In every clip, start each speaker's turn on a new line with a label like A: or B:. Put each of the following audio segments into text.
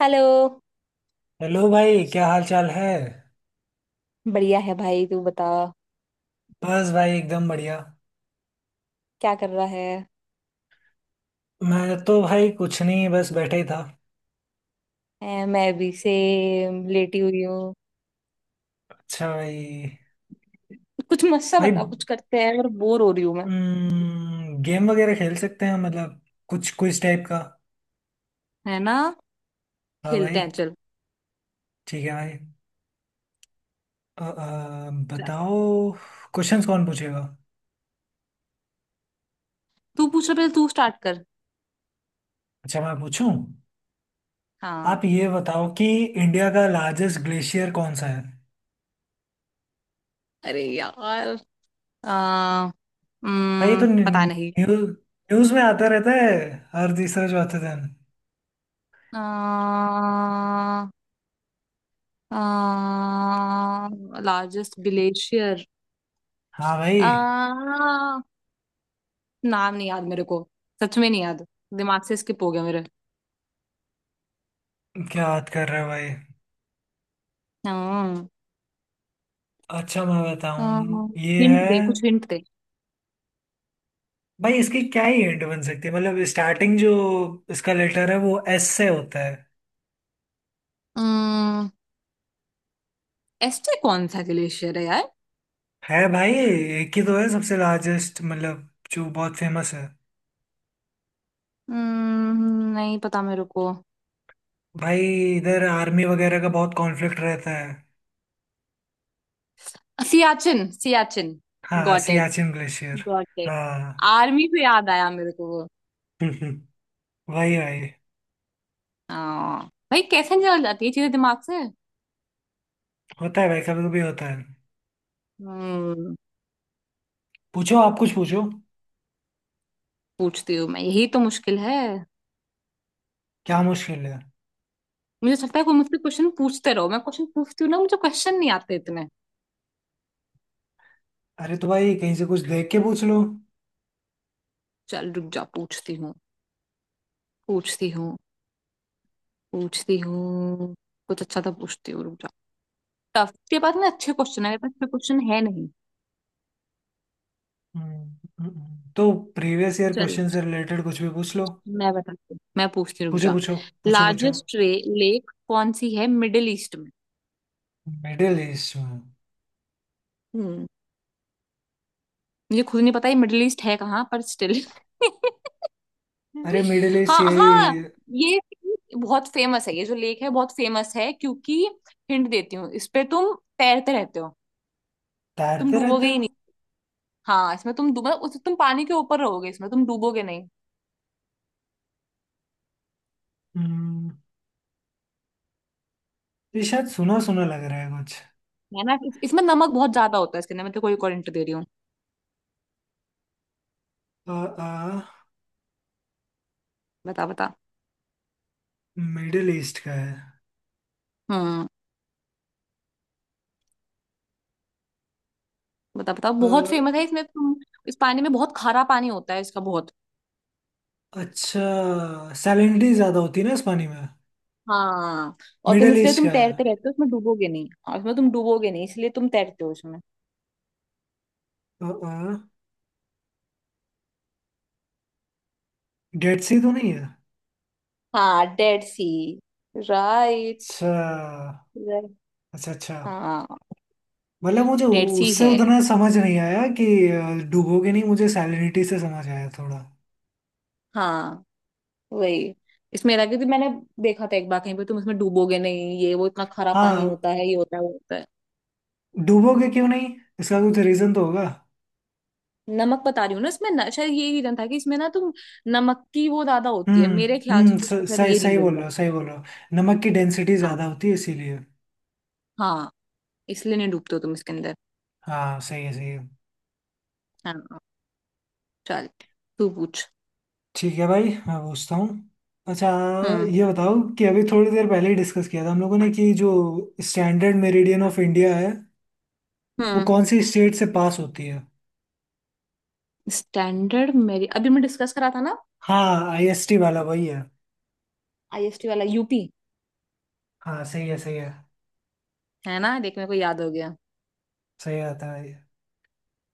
A: Hello.
B: Hello भाई, क्या हाल चाल है।
A: बढ़िया है भाई, तू बता।
B: बस भाई एकदम बढ़िया।
A: क्या कर रहा है?
B: मैं तो भाई कुछ नहीं, बस बैठा ही था।
A: मैं अभी से लेटी हुई हूँ।
B: अच्छा भाई।
A: कुछ मस्त सा
B: भाई
A: बता, कुछ करते हैं, और बोर हो रही हूँ मैं।
B: गेम वगैरह खेल सकते हैं, मतलब कुछ कुछ टाइप का।
A: है ना?
B: हाँ भाई।
A: खेलते हैं चल।
B: ठीक है भाई।
A: चल।
B: बताओ। क्वेश्चंस कौन पूछेगा?
A: तू पूछ रहा, पहले तू स्टार्ट कर।
B: अच्छा मैं पूछूं।
A: हाँ।
B: आप ये बताओ कि इंडिया का लार्जेस्ट ग्लेशियर कौन सा है।
A: अरे यार, आ,
B: भाई ये तो
A: पता नहीं।
B: न्यूज, न्यूज में आता रहता है हर तीसरा चौथे दिन।
A: Largest glacier.
B: हाँ भाई।
A: आ, नाम नहीं याद मेरे को। सच में नहीं याद। दिमाग से स्किप हो गया मेरे।
B: क्या बात कर रहे हो भाई।
A: हाँ।
B: अच्छा मैं बताऊं ये
A: हिंट
B: है।
A: दे, कुछ हिंट दे।
B: भाई इसकी क्या ही हिंट बन सकती है, मतलब स्टार्टिंग जो इसका लेटर है वो एस से होता है।
A: अम्म। एस्टे कौन सा ग्लेशियर है यार?
B: है भाई, एक ही तो है सबसे लार्जेस्ट, मतलब जो बहुत फेमस है।
A: नहीं पता मेरे को।
B: भाई इधर आर्मी वगैरह का बहुत कॉन्फ्लिक्ट रहता है।
A: सियाचिन सियाचिन।
B: हाँ
A: got it,
B: Siachen glacier.
A: Got it.
B: हाँ।
A: आर्मी पे याद आया मेरे को वो।
B: वही भाई।
A: हाँ भाई, कैसे निकल जाती है चीजें दिमाग से।
B: होता है भाई, कभी कभी होता है।
A: हम्म।
B: पूछो, आप कुछ पूछो।
A: पूछती हूँ मैं, यही तो मुश्किल है।
B: क्या मुश्किल है?
A: मुझे लगता है कोई मुझसे क्वेश्चन पूछते रहो, मैं क्वेश्चन पूछती हूँ ना, मुझे क्वेश्चन नहीं आते इतने।
B: अरे तो भाई कहीं से कुछ देख के पूछ लो।
A: चल रुक जा, पूछती हूँ। पूछती हूँ। पूछती हूँ। कुछ अच्छा तो पूछती हूँ, रुक जा। टफ उसके पास ना, अच्छे क्वेश्चन है, अच्छे क्वेश्चन है नहीं।
B: हम्म। हम्म। तो प्रीवियस ईयर
A: चल,
B: क्वेश्चन से रिलेटेड कुछ भी पूछ लो।
A: मैं बताती हूँ, मैं पूछती, रुक
B: पूछो
A: जा।
B: पूछो पूछो पूछो।
A: लार्जेस्ट लेक कौन सी है मिडिल ईस्ट में?
B: मिडिल ईस्ट में?
A: हम्म। मुझे खुद नहीं पता ये मिडिल ईस्ट है कहाँ पर स्टिल।
B: अरे मिडिल ईस्ट
A: हाँ हाँ।
B: यही।
A: ये बहुत फेमस है, ये जो लेक है बहुत फेमस है क्योंकि हिंट देती हूँ इस पे, तुम तैरते रहते हो। तुम
B: तैरते
A: डूबोगे
B: रहते
A: ही
B: हो।
A: नहीं। हाँ, इसमें तुम डूबो, उस तुम पानी के ऊपर रहोगे, इसमें तुम डूबोगे नहीं।
B: हम्म, ये शायद सुना सुना लग रहा है कुछ।
A: है ना? इसमें नमक बहुत ज्यादा होता है इसके अंदर, मैं तेरे को एक और हिंट दे रही हूँ।
B: आ, आ,
A: बता बता।
B: मिडिल ईस्ट का है।
A: हम्म। बता बता,
B: अ,
A: बहुत फेमस है इसमें तुम। इस पानी में बहुत खारा पानी होता है, इसका बहुत।
B: अच्छा सैलिनिटी ज्यादा होती है ना इस पानी में।
A: हाँ, और तुम
B: मिडिल
A: इसलिए
B: ईस्ट
A: तुम
B: का है।
A: तैरते रहते हो उसमें डूबोगे नहीं, और उसमें तुम डूबोगे नहीं इसलिए तुम तैरते हो उसमें।
B: आ, आ, डेड सी तो नहीं है?
A: हाँ, डेड सी। राइट।
B: अच्छा
A: राइट।
B: अच्छा। अच्छा,
A: हाँ,
B: मतलब मुझे
A: डेड सी
B: उससे
A: है।
B: उतना समझ नहीं आया कि डूबोगे नहीं। मुझे सैलिनिटी से समझ आया थोड़ा।
A: हाँ, वही। इसमें था क्योंकि मैंने देखा था एक बार कहीं पे, तुम इसमें डूबोगे नहीं, ये वो इतना खारा पानी
B: हाँ।
A: होता है, ये होता है वो होता है।
B: डूबोगे क्यों नहीं? इसका कुछ रीजन तो होगा।
A: नमक बता रही हूँ ना, इसमें न, शायद ये रीजन था कि इसमें ना तुम नमक की वो ज्यादा होती है
B: हम्म।
A: मेरे ख्याल से, तो इसका शायद
B: सही
A: ये
B: सही बोल
A: रीजन था।
B: रहे हो, सही बोल रहे हो। नमक की डेंसिटी
A: हाँ।
B: ज्यादा होती है इसीलिए।
A: हाँ। इसलिए नहीं डूबते हो तुम इसके अंदर।
B: हाँ सही है सही है।
A: हाँ। चल तू पूछ।
B: ठीक है भाई, मैं पूछता हूँ। अच्छा,
A: हम्म।
B: ये बताओ कि अभी थोड़ी देर पहले ही डिस्कस किया था हम लोगों ने, कि जो स्टैंडर्ड मेरिडियन ऑफ इंडिया है, वो
A: हम्म।
B: कौन सी स्टेट से पास होती है।
A: स्टैंडर्ड मेरी अभी मैं डिस्कस करा था ना।
B: हाँ आईएसटी वाला वही है।
A: आईएसटी वाला यूपी।
B: हाँ सही है सही है।
A: है ना, देख मेरे को याद हो गया
B: सही आता है।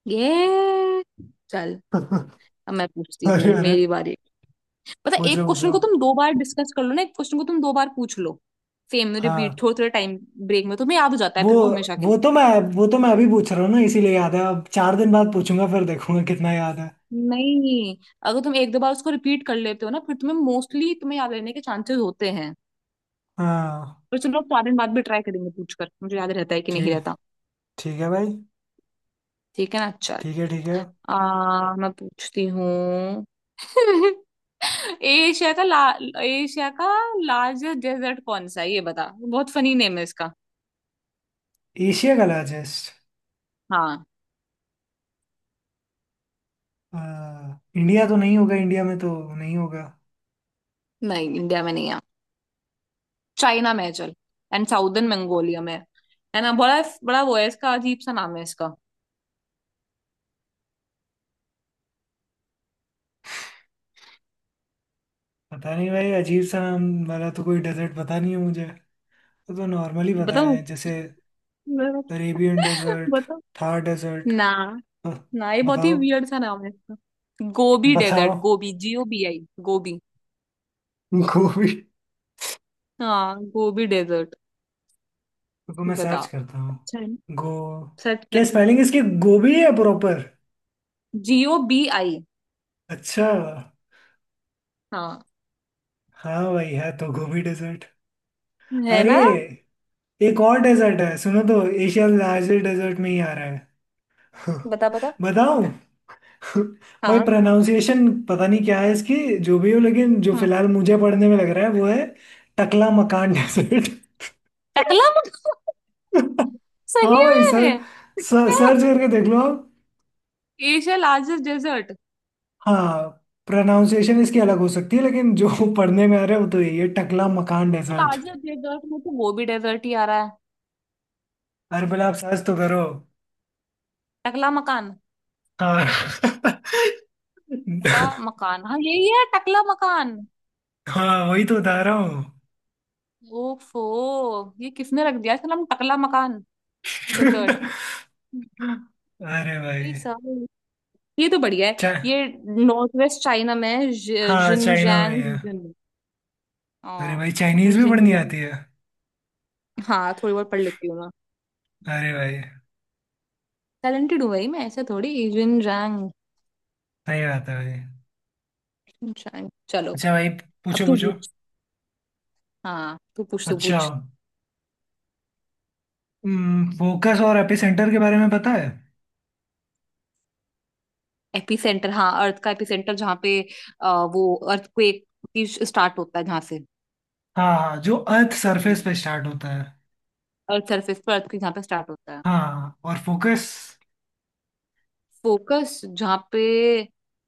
A: ये। चल। अब मैं पूछती हूँ,
B: अरे अरे।
A: मेरी बारी। पता है, एक
B: पूछो
A: क्वेश्चन
B: पूछो।
A: को तुम दो बार डिस्कस कर लो ना, एक क्वेश्चन को तुम दो बार पूछ लो। सेम
B: हाँ
A: रिपीट, थोड़े थोड़े टाइम ब्रेक में तुम्हें याद हो जाता है
B: वो
A: फिर वो हमेशा के
B: वो
A: लिए।
B: तो मैं वो तो मैं अभी पूछ रहा हूँ ना इसीलिए याद है। अब चार दिन बाद पूछूंगा फिर देखूंगा कितना याद है।
A: नहीं, अगर तुम एक दो बार उसको रिपीट कर लेते हो ना, फिर तुम्हें मोस्टली तुम्हें याद रहने के चांसेस होते हैं।
B: हाँ
A: तो चलो स्वाधीन बाद भी ट्राई करेंगे पूछकर, मुझे याद रहता है कि नहीं
B: ठीक।
A: रहता।
B: ठीक है भाई,
A: ठीक है ना चल।
B: ठीक है ठीक है।
A: मैं पूछती हूँ। एशिया का ला, एशिया का लार्जेस्ट डेजर्ट कौन सा है, ये बता। बहुत फनी नेम है इसका।
B: एशिया का लार्जेस्ट?
A: हाँ।
B: इंडिया तो नहीं होगा, इंडिया में तो नहीं होगा।
A: नहीं, इंडिया में नहीं है। चाइना में है चल, एंड साउदर्न मंगोलिया में है। है ना? बड़ा बड़ा वो है इसका, अजीब सा नाम है इसका।
B: पता नहीं भाई, अजीब सा नाम वाला तो कोई डेजर्ट पता नहीं है मुझे। वो तो नॉर्मली पता
A: बताऊँ?
B: है, जैसे अरेबियन डेजर्ट,
A: बताओ।
B: थार डेजर्ट।
A: ना ना, ये बहुत ही
B: बताओ।
A: वियर्ड सा नाम है इसका। गोबी
B: बताओ।
A: डेजर्ट। गोबी, Gobi, गोबी।
B: गोभी?
A: हाँ, गोबी डेजर्ट।
B: रुको मैं
A: बता।
B: सर्च करता
A: अच्छा है,
B: हूँ गो।
A: सर्च कर
B: क्या स्पेलिंग
A: सकते।
B: इसकी गोभी है प्रॉपर?
A: Gobi।
B: अच्छा।
A: हाँ।
B: हाँ भाई है तो गोभी डेजर्ट।
A: है
B: अरे
A: ना?
B: एक और डेजर्ट है, सुनो, तो एशिया लार्जेस्ट डेजर्ट में ही आ रहा है।
A: बता बता।
B: बताऊं। भाई
A: हाँ।
B: प्रोनाउंसिएशन पता नहीं क्या है इसकी, जो भी हो, लेकिन जो
A: हम्म।
B: फिलहाल मुझे पढ़ने में लग रहा है वो है टकला मकान डेजर्ट।
A: टकला।
B: हाँ
A: सही
B: भाई सर,
A: में।
B: सर्च करके देख लो आप।
A: Asia largest desert.
B: हाँ प्रोनाउंसिएशन इसकी अलग हो सकती है लेकिन जो पढ़ने में आ रहा है वो तो यही है, Taklamakan desert.
A: Largest desert में तो वो भी डेजर्ट ही आ रहा है।
B: अरे पहले आप सर्च तो करो।
A: टकला मकान।
B: हाँ।
A: टकला मकान, हाँ यही है टकला मकान।
B: हाँ वही तो बता रहा हूँ।
A: ओफो। ये किसने रख दिया इसका नाम टकला मकान डेजर्ट?
B: अरे भाई।
A: ये तो बढ़िया है।
B: चा,
A: ये नॉर्थ वेस्ट चाइना में है,
B: हाँ चाइना में
A: जिनजियांग
B: ही है।
A: रीजन में।
B: अरे
A: हाँ,
B: भाई चाइनीज भी पढ़नी
A: जिनजियांग।
B: आती है।
A: हाँ, थोड़ी बहुत पढ़ लेती हूँ मैं।
B: अरे भाई,
A: टैलेंटेड हूँ भाई मैं, ऐसे थोड़ी। जिनजियांग,
B: सही बात है भाई।
A: जिनजियांग, चलो।
B: अच्छा भाई,
A: अब
B: पूछो
A: तू
B: पूछो।
A: पूछ। हाँ तू पूछ, तू
B: अच्छा,
A: पूछ।
B: फोकस और एपिसेंटर के बारे में पता है?
A: एपिसेंटर, हाँ, अर्थ का एपिसेंटर, जहाँ पे वो अर्थक्वेक की स्टार्ट होता है जहाँ से।
B: हाँ हाँ, जो अर्थ सरफेस
A: एपिसेंटर,
B: पे स्टार्ट होता है।
A: अर्थ सरफेस पर अर्थक्वेक जहाँ पे स्टार्ट होता है।
B: हाँ और फोकस।
A: फोकस जहाँ पे,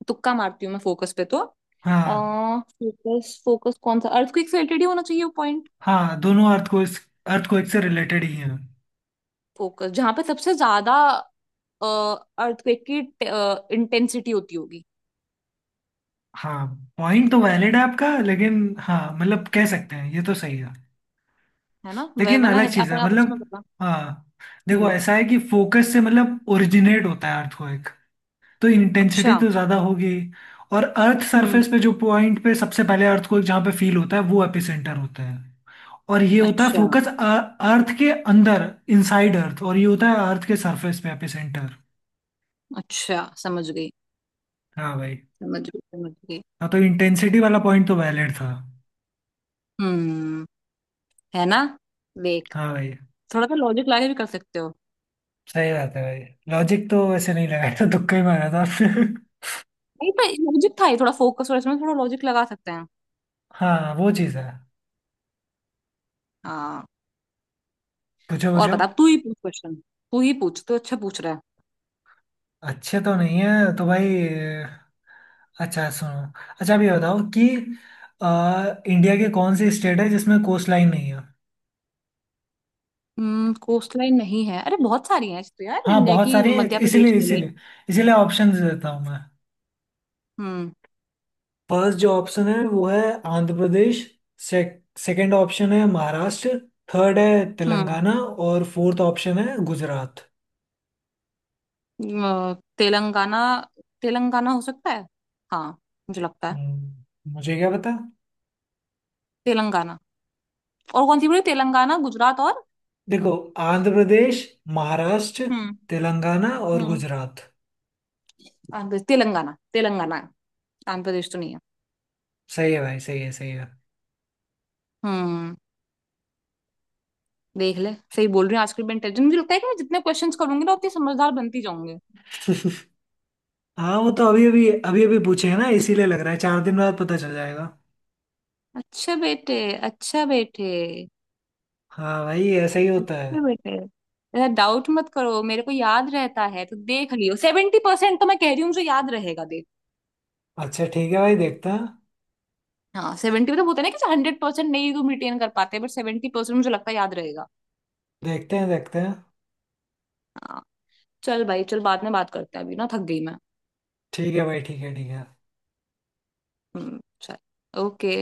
A: तुक्का मारती हूँ मैं फोकस पे तो
B: हाँ
A: फोकस, फोकस कौन सा अर्थक्वेक से रिलेटेड ही होना चाहिए वो पॉइंट।
B: हाँ दोनों अर्थक्वेक अर्थक्वेक से रिलेटेड ही हैं।
A: फोकस जहाँ पे सबसे ज्यादा अर्थक्वेक की इंटेंसिटी होती होगी।
B: हाँ पॉइंट तो वैलिड है आपका, लेकिन हाँ मतलब कह सकते हैं, ये तो सही है,
A: है ना? वह
B: लेकिन
A: वरना
B: अलग चीज़
A: आप,
B: है
A: आप उसमें
B: मतलब।
A: बता।
B: हाँ देखो,
A: हम्म।
B: ऐसा है कि फोकस से मतलब ओरिजिनेट होता है अर्थक्वेक, तो
A: अच्छा।
B: इंटेंसिटी तो ज़्यादा होगी। और अर्थ
A: हम्म।
B: सरफेस पे जो पॉइंट पे सबसे पहले अर्थक्वेक जहाँ पे फील होता है वो एपिसेंटर होता है। और ये होता है
A: अच्छा
B: फोकस, अर्थ के अंदर, इनसाइड अर्थ। और ये होता है अर्थ के सरफेस पे एपिसेंटर।
A: अच्छा। समझ गई,
B: हाँ भाई।
A: समझ गई, समझ गई।
B: हाँ तो इंटेंसिटी वाला पॉइंट तो वैलिड था।
A: हम्म। है ना? देख।
B: हाँ भाई,
A: थोड़ा सा लॉजिक लगा के भी कर सकते हो।
B: सही बात है भाई। लॉजिक तो वैसे नहीं लगाया था, तुक्का ही मारा था आपने।
A: नहीं पर लॉजिक था ये थोड़ा, फोकस और इसमें थोड़ा लॉजिक लगा सकते हैं।
B: हाँ वो चीज़ है।
A: हाँ।
B: पूछो
A: और
B: पूछो।
A: बता, तू ही पूछ क्वेश्चन। तू ही पूछ, तू अच्छा पूछ रहा है।
B: अच्छे तो नहीं है, तो भाई अच्छा सुनो, अच्छा अभी बताओ कि इंडिया के कौन सी स्टेट है जिसमें कोस्ट लाइन नहीं है।
A: हम्म। कोस्ट लाइन नहीं है, अरे बहुत सारी हैं तो यार
B: हाँ
A: इंडिया
B: बहुत
A: की,
B: सारे,
A: मध्य
B: इसीलिए
A: प्रदेश ले ले।
B: इसीलिए इसीलिए ऑप्शंस देता हूँ मैं।
A: हम्म।
B: फर्स्ट जो ऑप्शन है वो है आंध्र प्रदेश। सेकंड ऑप्शन है महाराष्ट्र। थर्ड है
A: हम्म।
B: तेलंगाना। और फोर्थ ऑप्शन है गुजरात।
A: तेलंगाना, तेलंगाना हो सकता है। हाँ। मुझे लगता है
B: मुझे क्या पता।
A: तेलंगाना। और कौन सी बोली? तेलंगाना, गुजरात, और?
B: देखो, आंध्र प्रदेश, महाराष्ट्र,
A: हम्म।
B: तेलंगाना और
A: हम्म।
B: गुजरात।
A: आंध्र प्रदेश, तेलंगाना, तेलंगाना है। आंध्र प्रदेश तो नहीं है।
B: सही है भाई, सही है सही है।
A: हम्म। देख ले, सही बोल रही हूँ, आजकल मैं इंटेलिजेंट, मुझे लगता है कि मैं जितने क्वेश्चंस करूंगी ना उतनी समझदार बनती जाऊंगी।
B: हाँ वो तो अभी अभी पूछे हैं ना इसीलिए लग रहा है, चार दिन बाद पता चल जाएगा।
A: अच्छा बेटे। अच्छा बेटे।
B: हाँ भाई ऐसा ही होता है।
A: अच्छा बेटे, ऐसा डाउट मत करो, मेरे को याद रहता है तो देख लियो, 70% तो मैं कह रही हूँ मुझे याद रहेगा, देख।
B: अच्छा ठीक है भाई, देखते हैं
A: हाँ, सेवेंटी तो बोलते हैं ना कि 100% नहीं तुम रिटेन कर पाते, बट 70% मुझे लगता है याद रहेगा।
B: देखते हैं देखते हैं।
A: हाँ। चल भाई चल, बाद में बात करते हैं, अभी ना थक गई मैं।
B: ठीक है भाई, ठीक है ठीक है।
A: हम्म। चल। ओके।